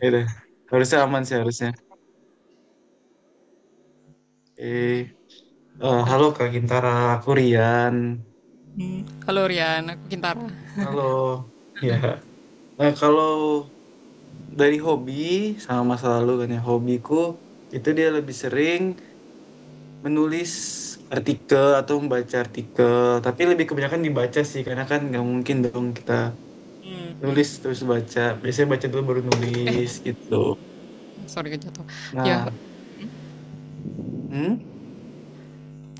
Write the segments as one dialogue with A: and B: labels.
A: Ya udah. Harusnya
B: Ya.
A: aman sih harusnya. Eh,
B: Halo.
A: Halo Kak Gintara, aku Rian.
B: Hmm. Halo Rian, aku Kintara.
A: Halo. Ya. Nah, kalau dari hobi sama masa lalu kan ya, hobiku itu dia lebih sering menulis artikel atau membaca artikel, tapi lebih kebanyakan dibaca sih karena kan nggak mungkin dong kita nulis terus baca. Biasanya baca dulu baru nulis gitu.
B: Sorry jatuh. Ya,
A: Nah, hmm?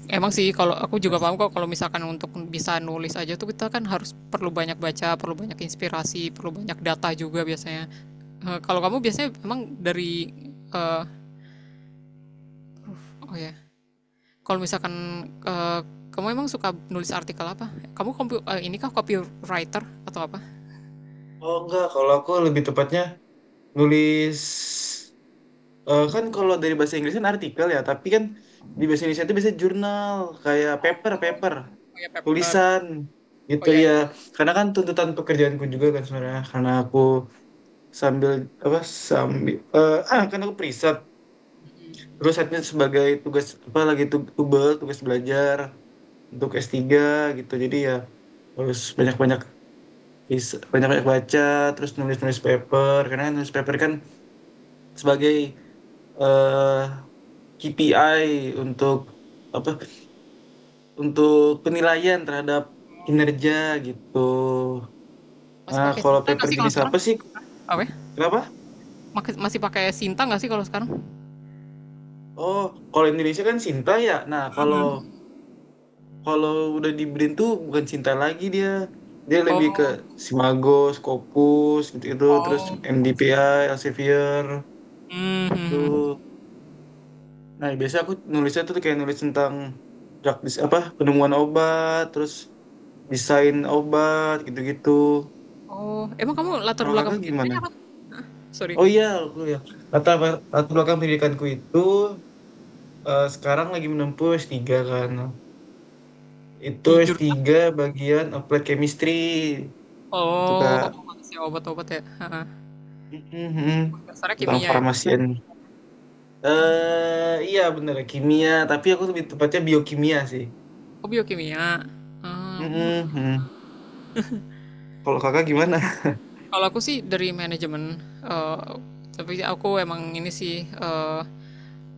B: emang sih kalau aku juga paham kok kalau misalkan untuk bisa nulis aja tuh kita kan harus perlu banyak baca, perlu banyak inspirasi, perlu banyak data juga biasanya. Kalau kamu biasanya emang dari, eh, oh ya, yeah. Kalau misalkan kamu emang suka nulis artikel apa? Kamu ini kah copywriter atau apa?
A: Oh enggak, kalau aku lebih tepatnya nulis. Kan kalau dari bahasa Inggris kan artikel ya, tapi kan di bahasa Indonesia itu biasanya jurnal, kayak paper, paper,
B: Oh ya, paper.
A: tulisan
B: Oh
A: gitu
B: ya,
A: ya.
B: ya.
A: Karena kan tuntutan pekerjaanku juga kan sebenarnya, karena aku sambil apa sambil kan aku preset, terus setnya sebagai tugas apa lagi tubel, tugas belajar untuk S3 gitu. Jadi ya harus banyak-banyak baca, terus nulis-nulis paper, karena nulis paper kan sebagai eh KPI untuk apa untuk penilaian terhadap kinerja gitu.
B: Masih
A: Nah,
B: pakai
A: kalau
B: Sinta nggak
A: paper
B: sih kalau
A: jenis
B: sekarang?
A: apa sih?
B: Apa ya?
A: Kenapa?
B: Masih pakai Sinta nggak sih kalau sekarang?
A: Oh, kalau Indonesia kan Sinta ya. Nah, kalau kalau udah di BRIN tuh bukan Sinta lagi dia. Dia lebih ke
B: Oh.
A: Simago, Scopus gitu-gitu, terus
B: Oh, fokus.
A: MDPI, Elsevier
B: Hmm.
A: tuh. Nah, biasanya aku nulisnya tuh kayak nulis tentang apa penemuan obat, terus desain obat gitu-gitu.
B: Oh, emang kamu latar
A: Kalau kakak
B: belakang
A: gimana?
B: pendidikannya apa? Sorry,
A: Oh iya, aku ya. Latar belakang pendidikanku itu sekarang lagi menempuh S3 kan. Itu
B: di jurusan?
A: S3 bagian Applied Chemistry itu
B: Oh,
A: Kak.
B: masih obat-obat ya, ha.
A: Mhm.
B: Dasarnya
A: Tentang
B: kimia ya.
A: farmasian. Iya bener kimia, tapi aku lebih tepatnya biokimia sih.
B: Oh, biokimia. Ah, benar.
A: Mhm. Kalau Kakak gimana?
B: Kalau aku sih dari manajemen, tapi aku emang ini sih,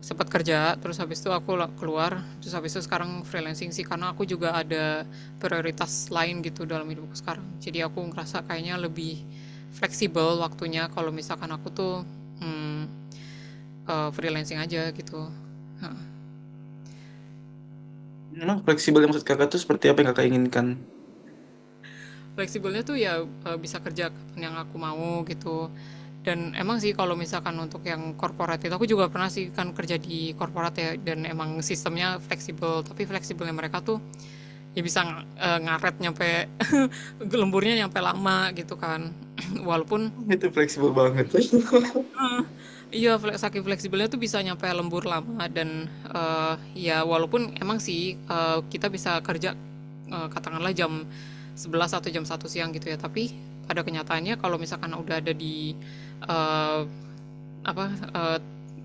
B: sempat kerja, terus habis itu aku keluar, terus habis itu sekarang freelancing sih, karena aku juga ada prioritas lain gitu dalam hidupku sekarang. Jadi aku ngerasa kayaknya lebih fleksibel waktunya kalau misalkan aku tuh, mmm, freelancing aja gitu.
A: Memang fleksibel yang maksud Kakak tuh seperti apa yang Kakak inginkan?
B: Fleksibelnya tuh ya, bisa kerja kapan yang aku mau gitu, dan emang sih kalau misalkan untuk yang korporat itu aku juga pernah sih kan kerja di korporat ya, dan emang sistemnya fleksibel, tapi fleksibelnya mereka tuh ya bisa, ngaret nyampe lemburnya nyampe lama gitu kan. Walaupun
A: Itu fleksibel banget.
B: Iya, saking fleksibelnya tuh bisa nyampe lembur lama dan, ya walaupun emang sih, kita bisa kerja, katakanlah jam 11 atau jam 1 siang gitu ya, tapi pada kenyataannya kalau misalkan udah ada di, eee, apa, eee,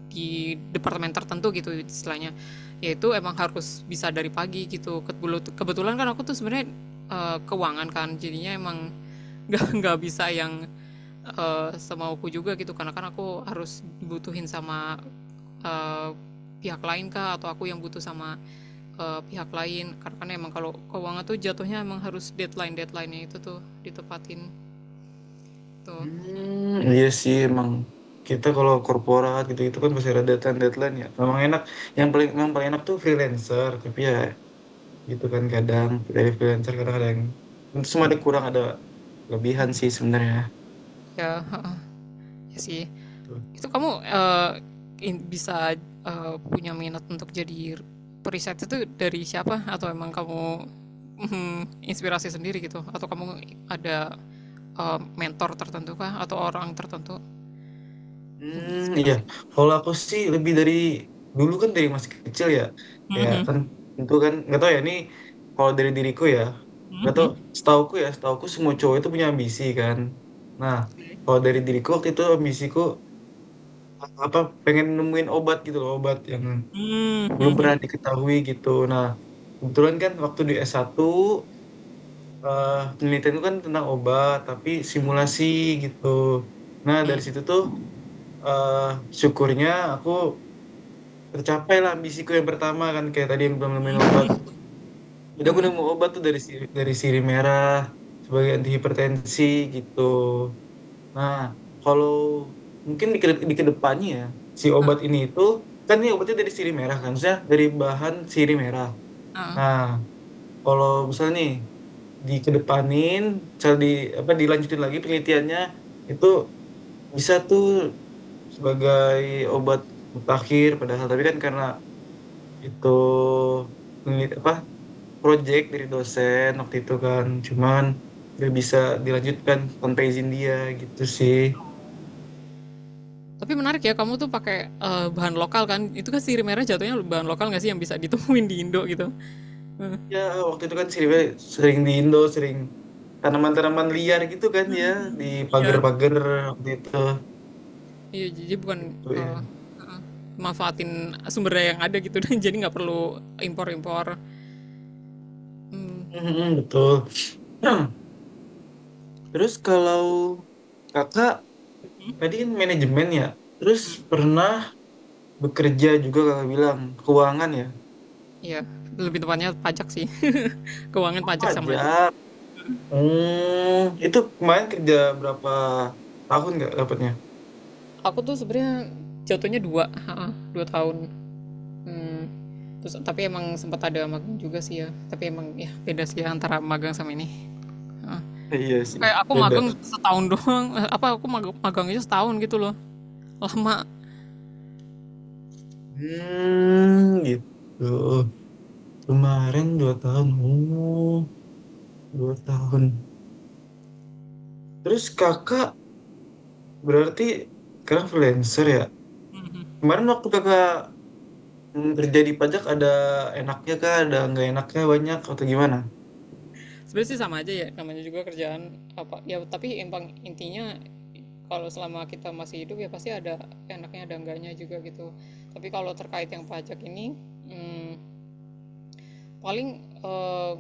B: di departemen tertentu gitu istilahnya, yaitu emang harus bisa dari pagi gitu. Kebetulan kan aku tuh sebenarnya, keuangan kan, jadinya emang nggak bisa yang semauku juga gitu, karena kan aku harus dibutuhin sama eee, pihak lain kah atau aku yang butuh sama pihak lain, karena kan emang kalau keuangan tuh jatuhnya emang harus deadline deadline-nya itu tuh ditepatin tuh.
A: Hmm, iya sih emang kita kalau korporat gitu-gitu kan masih ada deadline deadline ya. Memang enak. Yang paling enak tuh freelancer. Tapi ya gitu kan kadang dari freelancer kadang ada yang itu semua ada kurang ada lebihan sih sebenarnya.
B: Ya, heeh, iya sih. Itu kamu bisa punya minat untuk jadi periset itu dari siapa, atau emang kamu, mhm, inspirasi sendiri gitu, atau kamu ada mentor tertentu kah atau orang tertentu
A: Hmm, iya.
B: inspirasi kamu.
A: Kalau aku sih lebih dari dulu kan dari masih kecil ya. Kayak
B: Mhm.
A: kan itu kan nggak tahu ya ini kalau dari diriku ya. Nggak tahu
B: Mhm.
A: setauku ya, setauku semua cowok itu punya ambisi kan. Nah, kalau dari diriku waktu itu ambisiku apa pengen nemuin obat gitu loh, obat yang
B: Mmm.
A: belum
B: Mhm.
A: pernah diketahui gitu. Nah, kebetulan kan waktu di S1 penelitian itu kan tentang obat tapi simulasi gitu. Nah, dari
B: Mmm.
A: situ tuh eh, syukurnya aku tercapai lah ambisiku yang pertama kan kayak tadi yang belum nemuin obat. Jadi aku nemu obat tuh dari dari sirih merah sebagai anti hipertensi gitu. Nah, kalau mungkin di kedepannya ya, si obat
B: Heeh,
A: ini itu, kan ini obatnya dari sirih merah kan, maksudnya dari bahan sirih merah.
B: heeh.
A: Nah, kalau misalnya nih, dikedepanin, misal di, apa, dilanjutin lagi penelitiannya, itu bisa tuh sebagai obat akhir padahal, tapi kan karena itu apa, project dari dosen waktu itu kan, cuman gak bisa dilanjutkan tanpa izin dia gitu sih.
B: Tapi menarik ya kamu tuh pakai, bahan lokal kan? Itu kan sirih merah jatuhnya bahan lokal nggak sih yang bisa ditemuin di Indo gitu? Heeh,
A: Ya, waktu itu kan sering di Indo, sering tanaman-tanaman liar gitu kan ya, di
B: iya.
A: pagar-pagar waktu itu.
B: Iya, jadi bukan,
A: Gitu ya.
B: eee, manfaatin sumber daya yang ada gitu, dan jadi nggak perlu impor-impor, mmm,
A: Mhm, betul. Terus kalau kakak tadi kan manajemen ya, terus pernah bekerja juga kakak bilang, keuangan ya,
B: iya, lebih tepatnya pajak sih, keuangan pajak sama.
A: pajak. Hmm, itu kemarin kerja berapa tahun nggak dapatnya?
B: Aku tuh sebenarnya jatuhnya 2 tahun, mmm, terus tapi emang sempet ada magang juga sih ya, tapi emang ya beda sih ya antara magang sama ini.
A: Iya sih,
B: Kayak aku
A: beda.
B: magang setahun doang, apa aku magang, magangnya setahun gitu loh, lama.
A: Hmm, gitu. Kemarin 2 tahun. 2 tahun. Terus kakak berarti sekarang freelancer ya? Kemarin waktu kakak kerja di pajak ada enaknya kah? Ada nggak enaknya banyak atau gimana?
B: Sebenarnya sih sama aja ya namanya juga kerjaan apa ya, tapi emang intinya kalau selama kita masih hidup ya pasti ada enaknya ada enggaknya juga gitu. Tapi kalau terkait yang pajak ini, hmm, paling eh,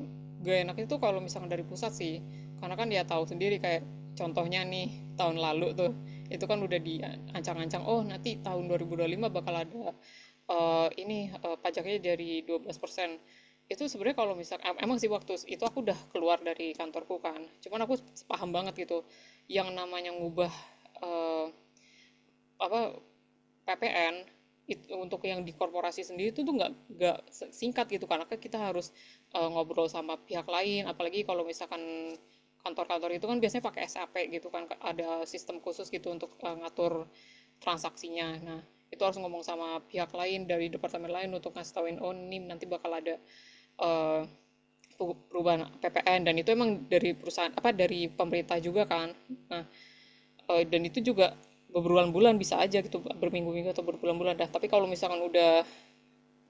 B: gak enak itu kalau misalkan dari pusat sih, karena kan dia tahu sendiri kayak contohnya nih tahun lalu tuh itu kan udah diancang-ancang, oh nanti tahun 2025 bakal ada ini pajaknya dari 12%. Itu sebenarnya kalau misal emang sih waktu itu aku udah keluar dari kantorku kan, cuman aku paham banget gitu yang namanya ngubah eh, apa PPN itu untuk yang di korporasi sendiri itu tuh nggak singkat gitu, karena kan kita harus ngobrol sama pihak lain, apalagi kalau misalkan kantor-kantor itu kan biasanya pakai SAP gitu kan, ada sistem khusus gitu untuk ngatur transaksinya. Nah, itu harus ngomong sama pihak lain dari departemen lain untuk ngasih tauin, oh ini nanti bakal ada eh, perubahan PPN, dan itu emang dari perusahaan apa dari pemerintah juga kan. Nah, dan itu juga berbulan-bulan bisa aja gitu, berminggu-minggu atau berbulan-bulan dah, tapi kalau misalkan udah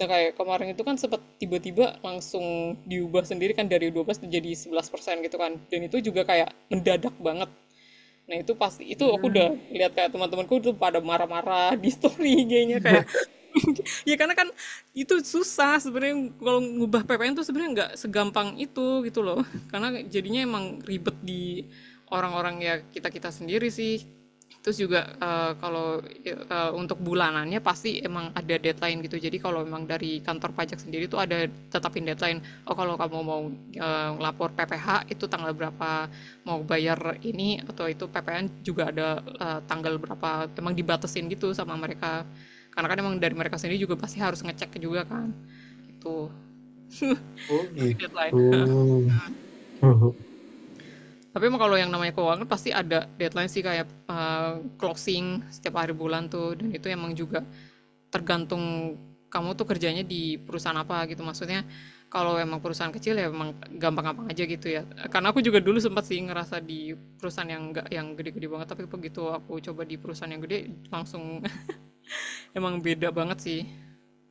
B: udah kayak kemarin itu kan sempat tiba-tiba langsung diubah sendiri kan dari 12 jadi 11% gitu kan, dan itu juga kayak mendadak banget. Nah itu pasti, itu aku
A: Hmm,
B: udah lihat kayak teman-temanku tuh pada marah-marah di story IG-nya kayak, ya karena kan itu susah sebenarnya kalau ngubah PPN tuh, sebenarnya nggak segampang itu gitu loh, karena jadinya emang ribet di orang-orang ya, kita kita sendiri sih. Terus juga kalau untuk bulanannya pasti emang ada deadline gitu, jadi kalau memang dari kantor pajak sendiri tuh ada tetapin deadline, oh kalau kamu mau lapor PPh itu tanggal berapa, mau bayar ini atau itu PPN juga ada tanggal berapa, emang dibatasin gitu sama mereka, karena kan emang dari mereka sendiri juga pasti harus ngecek juga kan itu
A: oh gitu.
B: deadline.
A: Oh,
B: Tapi emang kalau yang namanya keuangan pasti ada deadline sih, kayak closing setiap hari bulan tuh, dan itu emang juga tergantung kamu tuh kerjanya di perusahaan apa gitu, maksudnya kalau emang perusahaan kecil ya emang gampang-gampang aja gitu ya, karena aku juga dulu sempat sih ngerasa di perusahaan yang enggak yang gede-gede banget, tapi begitu aku coba di perusahaan yang gede langsung, emang beda banget sih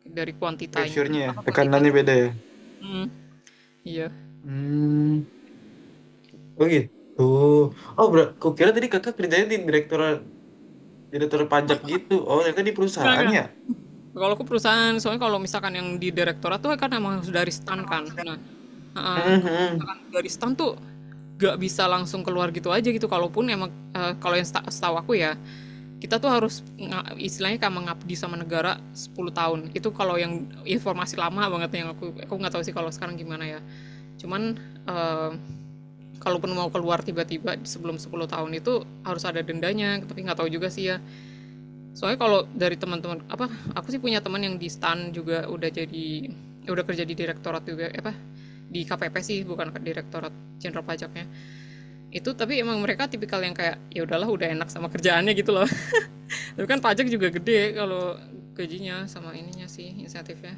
B: dari kuantitanya
A: pressure-nya ya,
B: apa
A: tekanannya
B: kuantitas.
A: beda ya?
B: Hmm, iya.
A: Hmm, oh gitu. Oh, bro, kukira tadi kakak kerjanya di direktur direktur pajak gitu. Oh, ternyata di
B: enggak
A: perusahaan
B: enggak
A: ya?
B: kalau aku perusahaan, soalnya kalau misalkan yang di direktorat tuh kan emang harus dari STAN kan. Nah, kalau
A: Mhm.
B: misalkan dari STAN tuh gak bisa langsung keluar gitu aja gitu, kalaupun emang kalau yang setahu aku ya, kita tuh harus istilahnya kayak mengabdi sama negara 10 tahun itu kalau yang informasi lama banget yang aku nggak tahu sih kalau sekarang gimana ya, cuman eh, kalaupun mau keluar tiba-tiba sebelum 10 tahun itu harus ada dendanya, tapi nggak tahu juga sih ya. Soalnya kalau dari teman-teman apa, aku sih punya teman yang di STAN juga udah jadi, udah kerja di direktorat juga, apa di KPP sih bukan direktorat jenderal pajaknya itu, tapi emang mereka tipikal yang kayak ya udahlah udah enak sama kerjaannya gitu loh, tapi kan pajak juga gede kalau gajinya sama ininya sih insentifnya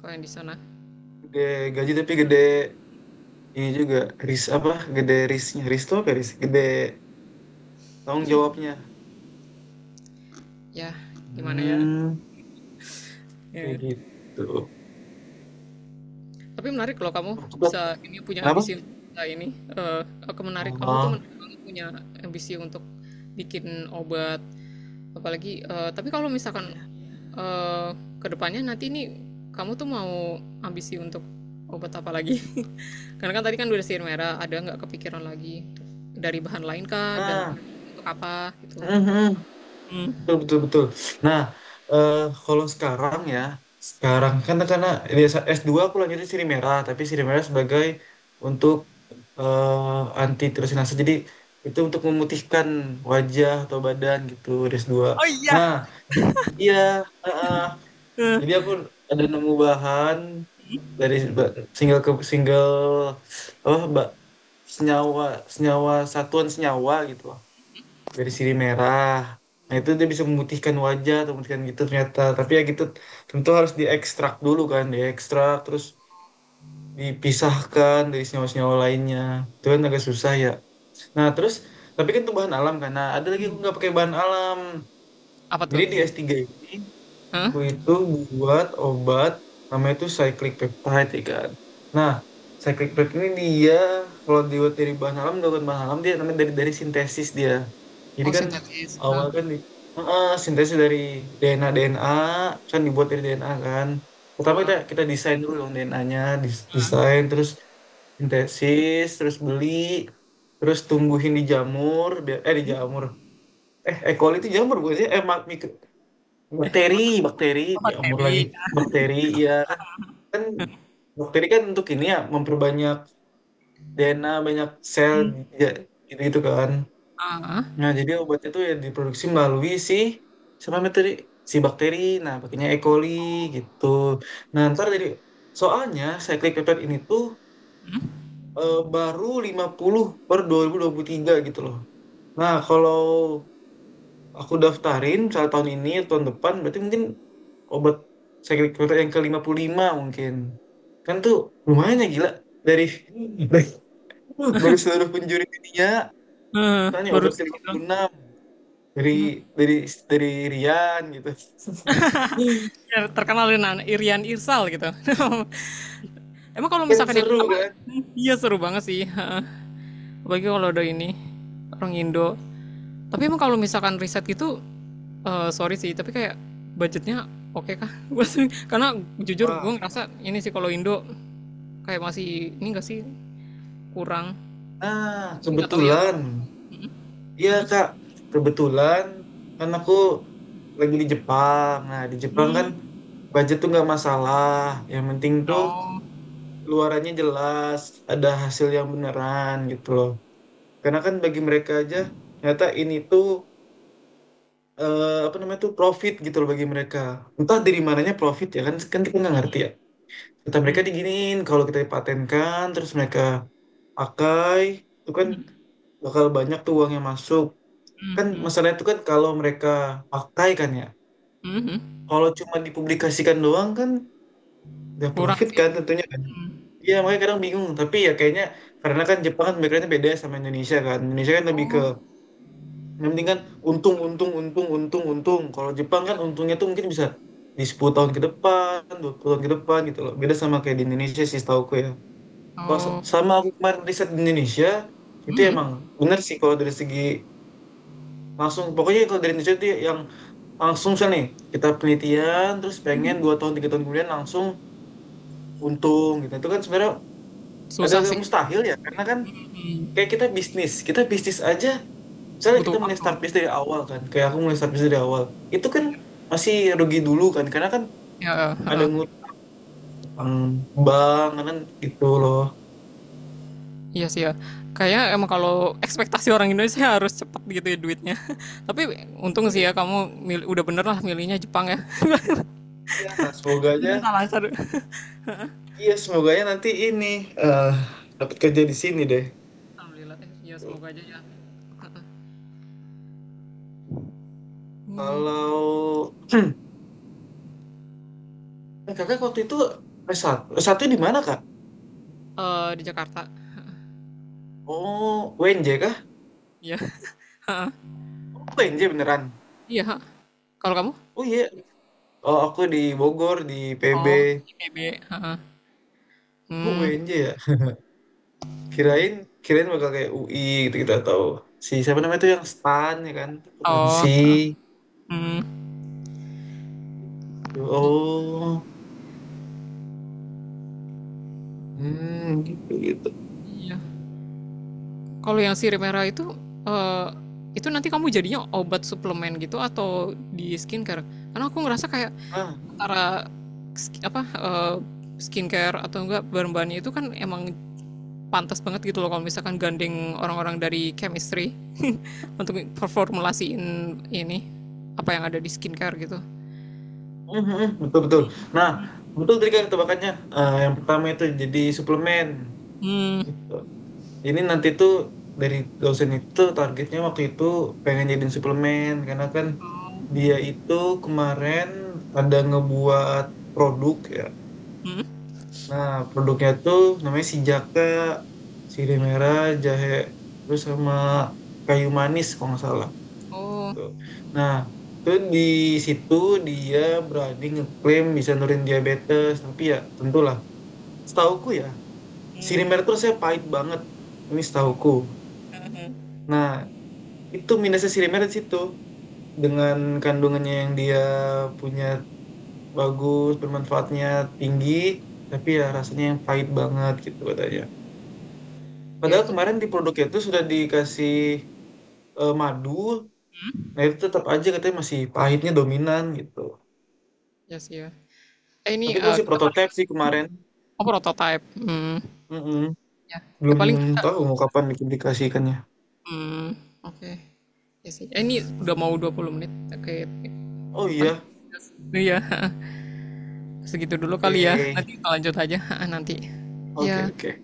B: kalau yang di sana.
A: Gede gaji tapi gede. Ini juga ris apa gede risnya, ris tuh apa ya, ris gede, tanggung jawabnya.
B: Ya, gimana ya.
A: Hmm, kayak
B: Ya.
A: gitu.
B: Tapi menarik kalau kamu
A: Waktu
B: bisa ini punya
A: kenapa,
B: ambisi. Nah ini aku menarik, kamu tuh
A: oh
B: menarik banget punya ambisi untuk bikin obat, apalagi tapi kalau misalkan
A: iya,
B: eh, kedepannya nanti ini kamu tuh mau ambisi untuk obat apa lagi, karena kan tadi kan udah sihir merah, ada nggak kepikiran lagi dari bahan lain kah, dan
A: nah
B: untuk apa gitu.
A: mhm,
B: Hmm.
A: betul betul betul. Nah, eh, kalau sekarang ya, sekarang kan karena di S2 aku lanjutnya siri merah, tapi siri merah sebagai untuk anti tirosinase. Jadi itu untuk memutihkan wajah atau badan gitu di S2.
B: Oh iya,
A: Nah, di- iya heeh. Jadi aku ada nemu bahan dari single ke single, apa mbak, senyawa senyawa satuan, senyawa gitu loh, dari sirih merah. Nah itu dia bisa memutihkan wajah atau memutihkan gitu ternyata. Tapi ya gitu, tentu harus diekstrak dulu kan, diekstrak terus dipisahkan dari senyawa-senyawa lainnya. Itu kan agak susah ya. Nah terus, tapi kan itu bahan alam kan. Nah ada lagi aku nggak pakai bahan alam.
B: apa tuh?
A: Jadi di S3 ini
B: Hah?
A: aku itu buat obat namanya itu cyclic peptide ya kan. Nah, cyclic peptide ini dia kalau dibuat dari bahan alam, dibuat bahan alam dia namanya dari sintesis dia. Jadi
B: Oh,
A: kan
B: sintetis. Hah?
A: awal kan di, heeh, sintesis dari DNA DNA kan dibuat dari DNA kan. Pertama
B: Oh,
A: kita kita desain dulu dong DNA-nya, desain terus sintesis, terus beli, terus tumbuhin di jamur, di jamur. E. coli itu jamur bukan sih? Bakteri, bakteri,
B: obat
A: ya umur lagi.
B: baby.
A: Bakteri, ya kan, kan bakteri kan untuk ini ya memperbanyak DNA, banyak sel, ya, gitu, gitu kan.
B: Ah, ah.
A: Nah, jadi obat itu ya diproduksi melalui si sama materi si bakteri. Nah, pakainya E. coli gitu. Nah, ntar jadi soalnya cyclic peptide ini tuh baru 50 per dua 2023 gitu loh. Nah, kalau aku daftarin misalnya tahun ini tahun depan berarti mungkin obat sakit perut yang ke-55 mungkin. Kan tuh lumayan ya, gila. Dari, dari, dari seluruh penjuri dunia,
B: Hmm,
A: tanya
B: baru
A: obat ke lima
B: sedikit.
A: puluh enam dari, dari, dari Rian gitu.
B: Ya, terkenal dengan Irian Irsal gitu, emang kalau
A: Kan
B: misalkan yang
A: seru
B: apa,
A: kan?
B: iya seru banget sih, apalagi kalau ada ini orang Indo, tapi emang kalau misalkan riset gitu, sorry sih, tapi kayak budgetnya oke okay kah, karena jujur
A: Wah,
B: gue ngerasa ini sih kalau Indo kayak masih ini gak sih, kurang,
A: nah
B: tapi nggak tahu ya
A: kebetulan.
B: kalau,
A: Iya
B: hmm?
A: Kak, kebetulan kan aku lagi di Jepang. Nah, di Jepang kan
B: Hmm.
A: budget tuh nggak masalah. Yang penting tuh
B: Oh.
A: luarannya jelas, ada hasil yang beneran gitu loh. Karena kan bagi mereka aja ternyata ini tuh apa namanya tuh profit gitu loh bagi mereka. Entah dari mananya profit ya kan, kita nggak ngerti ya. Kata mereka diginiin kalau kita dipatenkan terus mereka pakai itu kan bakal banyak tuh uang yang masuk. Kan masalahnya itu kan kalau mereka pakai kan ya.
B: Hmm,
A: Kalau cuma dipublikasikan doang kan nggak
B: kurang
A: profit
B: sih.
A: kan tentunya kan. Iya makanya kadang bingung, tapi ya kayaknya karena kan Jepang kan backgroundnya beda ya sama Indonesia kan. Indonesia kan lebih ke yang penting kan untung, untung, untung, untung, untung. Kalau Jepang kan untungnya tuh mungkin bisa di 10 tahun ke depan, 20 tahun ke depan gitu loh. Beda sama kayak di Indonesia sih setahuku ya. Kalau
B: Oh,
A: sama aku kemarin riset di Indonesia, itu emang bener sih kalau dari segi langsung. Pokoknya kalau dari Indonesia itu yang langsung misalnya nih, kita penelitian, terus pengen 2 tahun, 3 tahun kemudian langsung untung gitu. Itu kan sebenarnya
B: susah
A: agak-agak
B: sih,
A: mustahil ya. Karena kan kayak kita bisnis aja, misalnya
B: butuh
A: kita mulai
B: waktu,
A: start base dari awal kan, kayak aku mulai start base dari awal itu kan masih rugi dulu kan karena kan
B: ya.
A: ada
B: Eh.
A: ngutang, utang bank kan gitu loh,
B: Iya sih ya, kayaknya emang kalau ekspektasi orang Indonesia harus cepat gitu ya duitnya, tapi untung
A: iya
B: sih ya kamu, udah bener lah milihnya Jepang ya.
A: iya. Semoga
B: Jadi
A: aja,
B: bisa lancar.
A: iya semoga aja nanti ini eh dapat kerja di sini deh.
B: Alhamdulillah. Ya semoga aja ya. Hmm,
A: Kalau kakak waktu itu s satu S1 di mana kak?
B: di Jakarta.
A: Oh UNJ kah?
B: Iya.
A: Oh UNJ beneran?
B: Iya. Kalau kamu?
A: Oh iya. Oh aku di Bogor di PB.
B: Oh, IPB. Heeh.
A: Oh
B: Hmm.
A: UNJ ya, kirain kirain bakal kayak UI gitu gitu, atau si siapa namanya tuh yang stan ya kan akuntansi.
B: Oh. Hmm.
A: Oh, hmm, gitu gitu.
B: Iya. Kalau yang sirih merah itu, eh itu nanti kamu jadinya obat suplemen gitu atau di skincare? Karena aku ngerasa kayak
A: Nah
B: antara sk- apa eh, skincare atau enggak, bahan-bahannya itu kan emang pantas banget gitu loh kalau misalkan gandeng orang-orang dari chemistry, untuk performulasiin ini apa yang ada di skincare gitu.
A: betul betul. Nah betul, tadi kan tebakannya. Yang pertama itu jadi suplemen
B: Hmm.
A: gitu, ini nanti tuh dari dosen itu targetnya waktu itu pengen jadiin suplemen karena kan
B: Oh.
A: dia itu kemarin ada ngebuat produk ya.
B: Hmm.
A: Nah, produknya tuh namanya si jaka, sirih merah, jahe, terus sama kayu manis kalau nggak salah.
B: Oh.
A: Tuh. Nah, tuh di situ dia berani ngeklaim bisa nurin diabetes, tapi ya tentulah. Setauku ya, sirih
B: Hmm.
A: merah tuh saya pahit banget. Ini
B: Ya.
A: setauku.
B: Uh-huh.
A: Nah, itu minusnya sirih merah di situ. Dengan kandungannya yang dia punya bagus, bermanfaatnya tinggi, tapi ya rasanya yang pahit banget gitu katanya.
B: Ya
A: Padahal
B: itu,
A: kemarin di produknya itu sudah dikasih madu, nah itu tetap aja katanya masih pahitnya dominan gitu.
B: ya. Yes, sih ya. Eh ini
A: Tapi itu
B: eh,
A: masih
B: kita paling.
A: prototipe sih kemarin.
B: Oh, prototype. Hmm.
A: Mm-mm.
B: Ya.
A: Belum
B: Paling kita
A: tahu mau kapan dipublikasikannya.
B: hmm. Oke. Okay. Ya sih. Ini udah mau 20 menit. Oke. Okay.
A: Oh
B: Paling.
A: iya,
B: Iya, segitu dulu kali ya.
A: oke,
B: Nanti kita lanjut aja nanti.
A: oke,
B: Ya.
A: oke.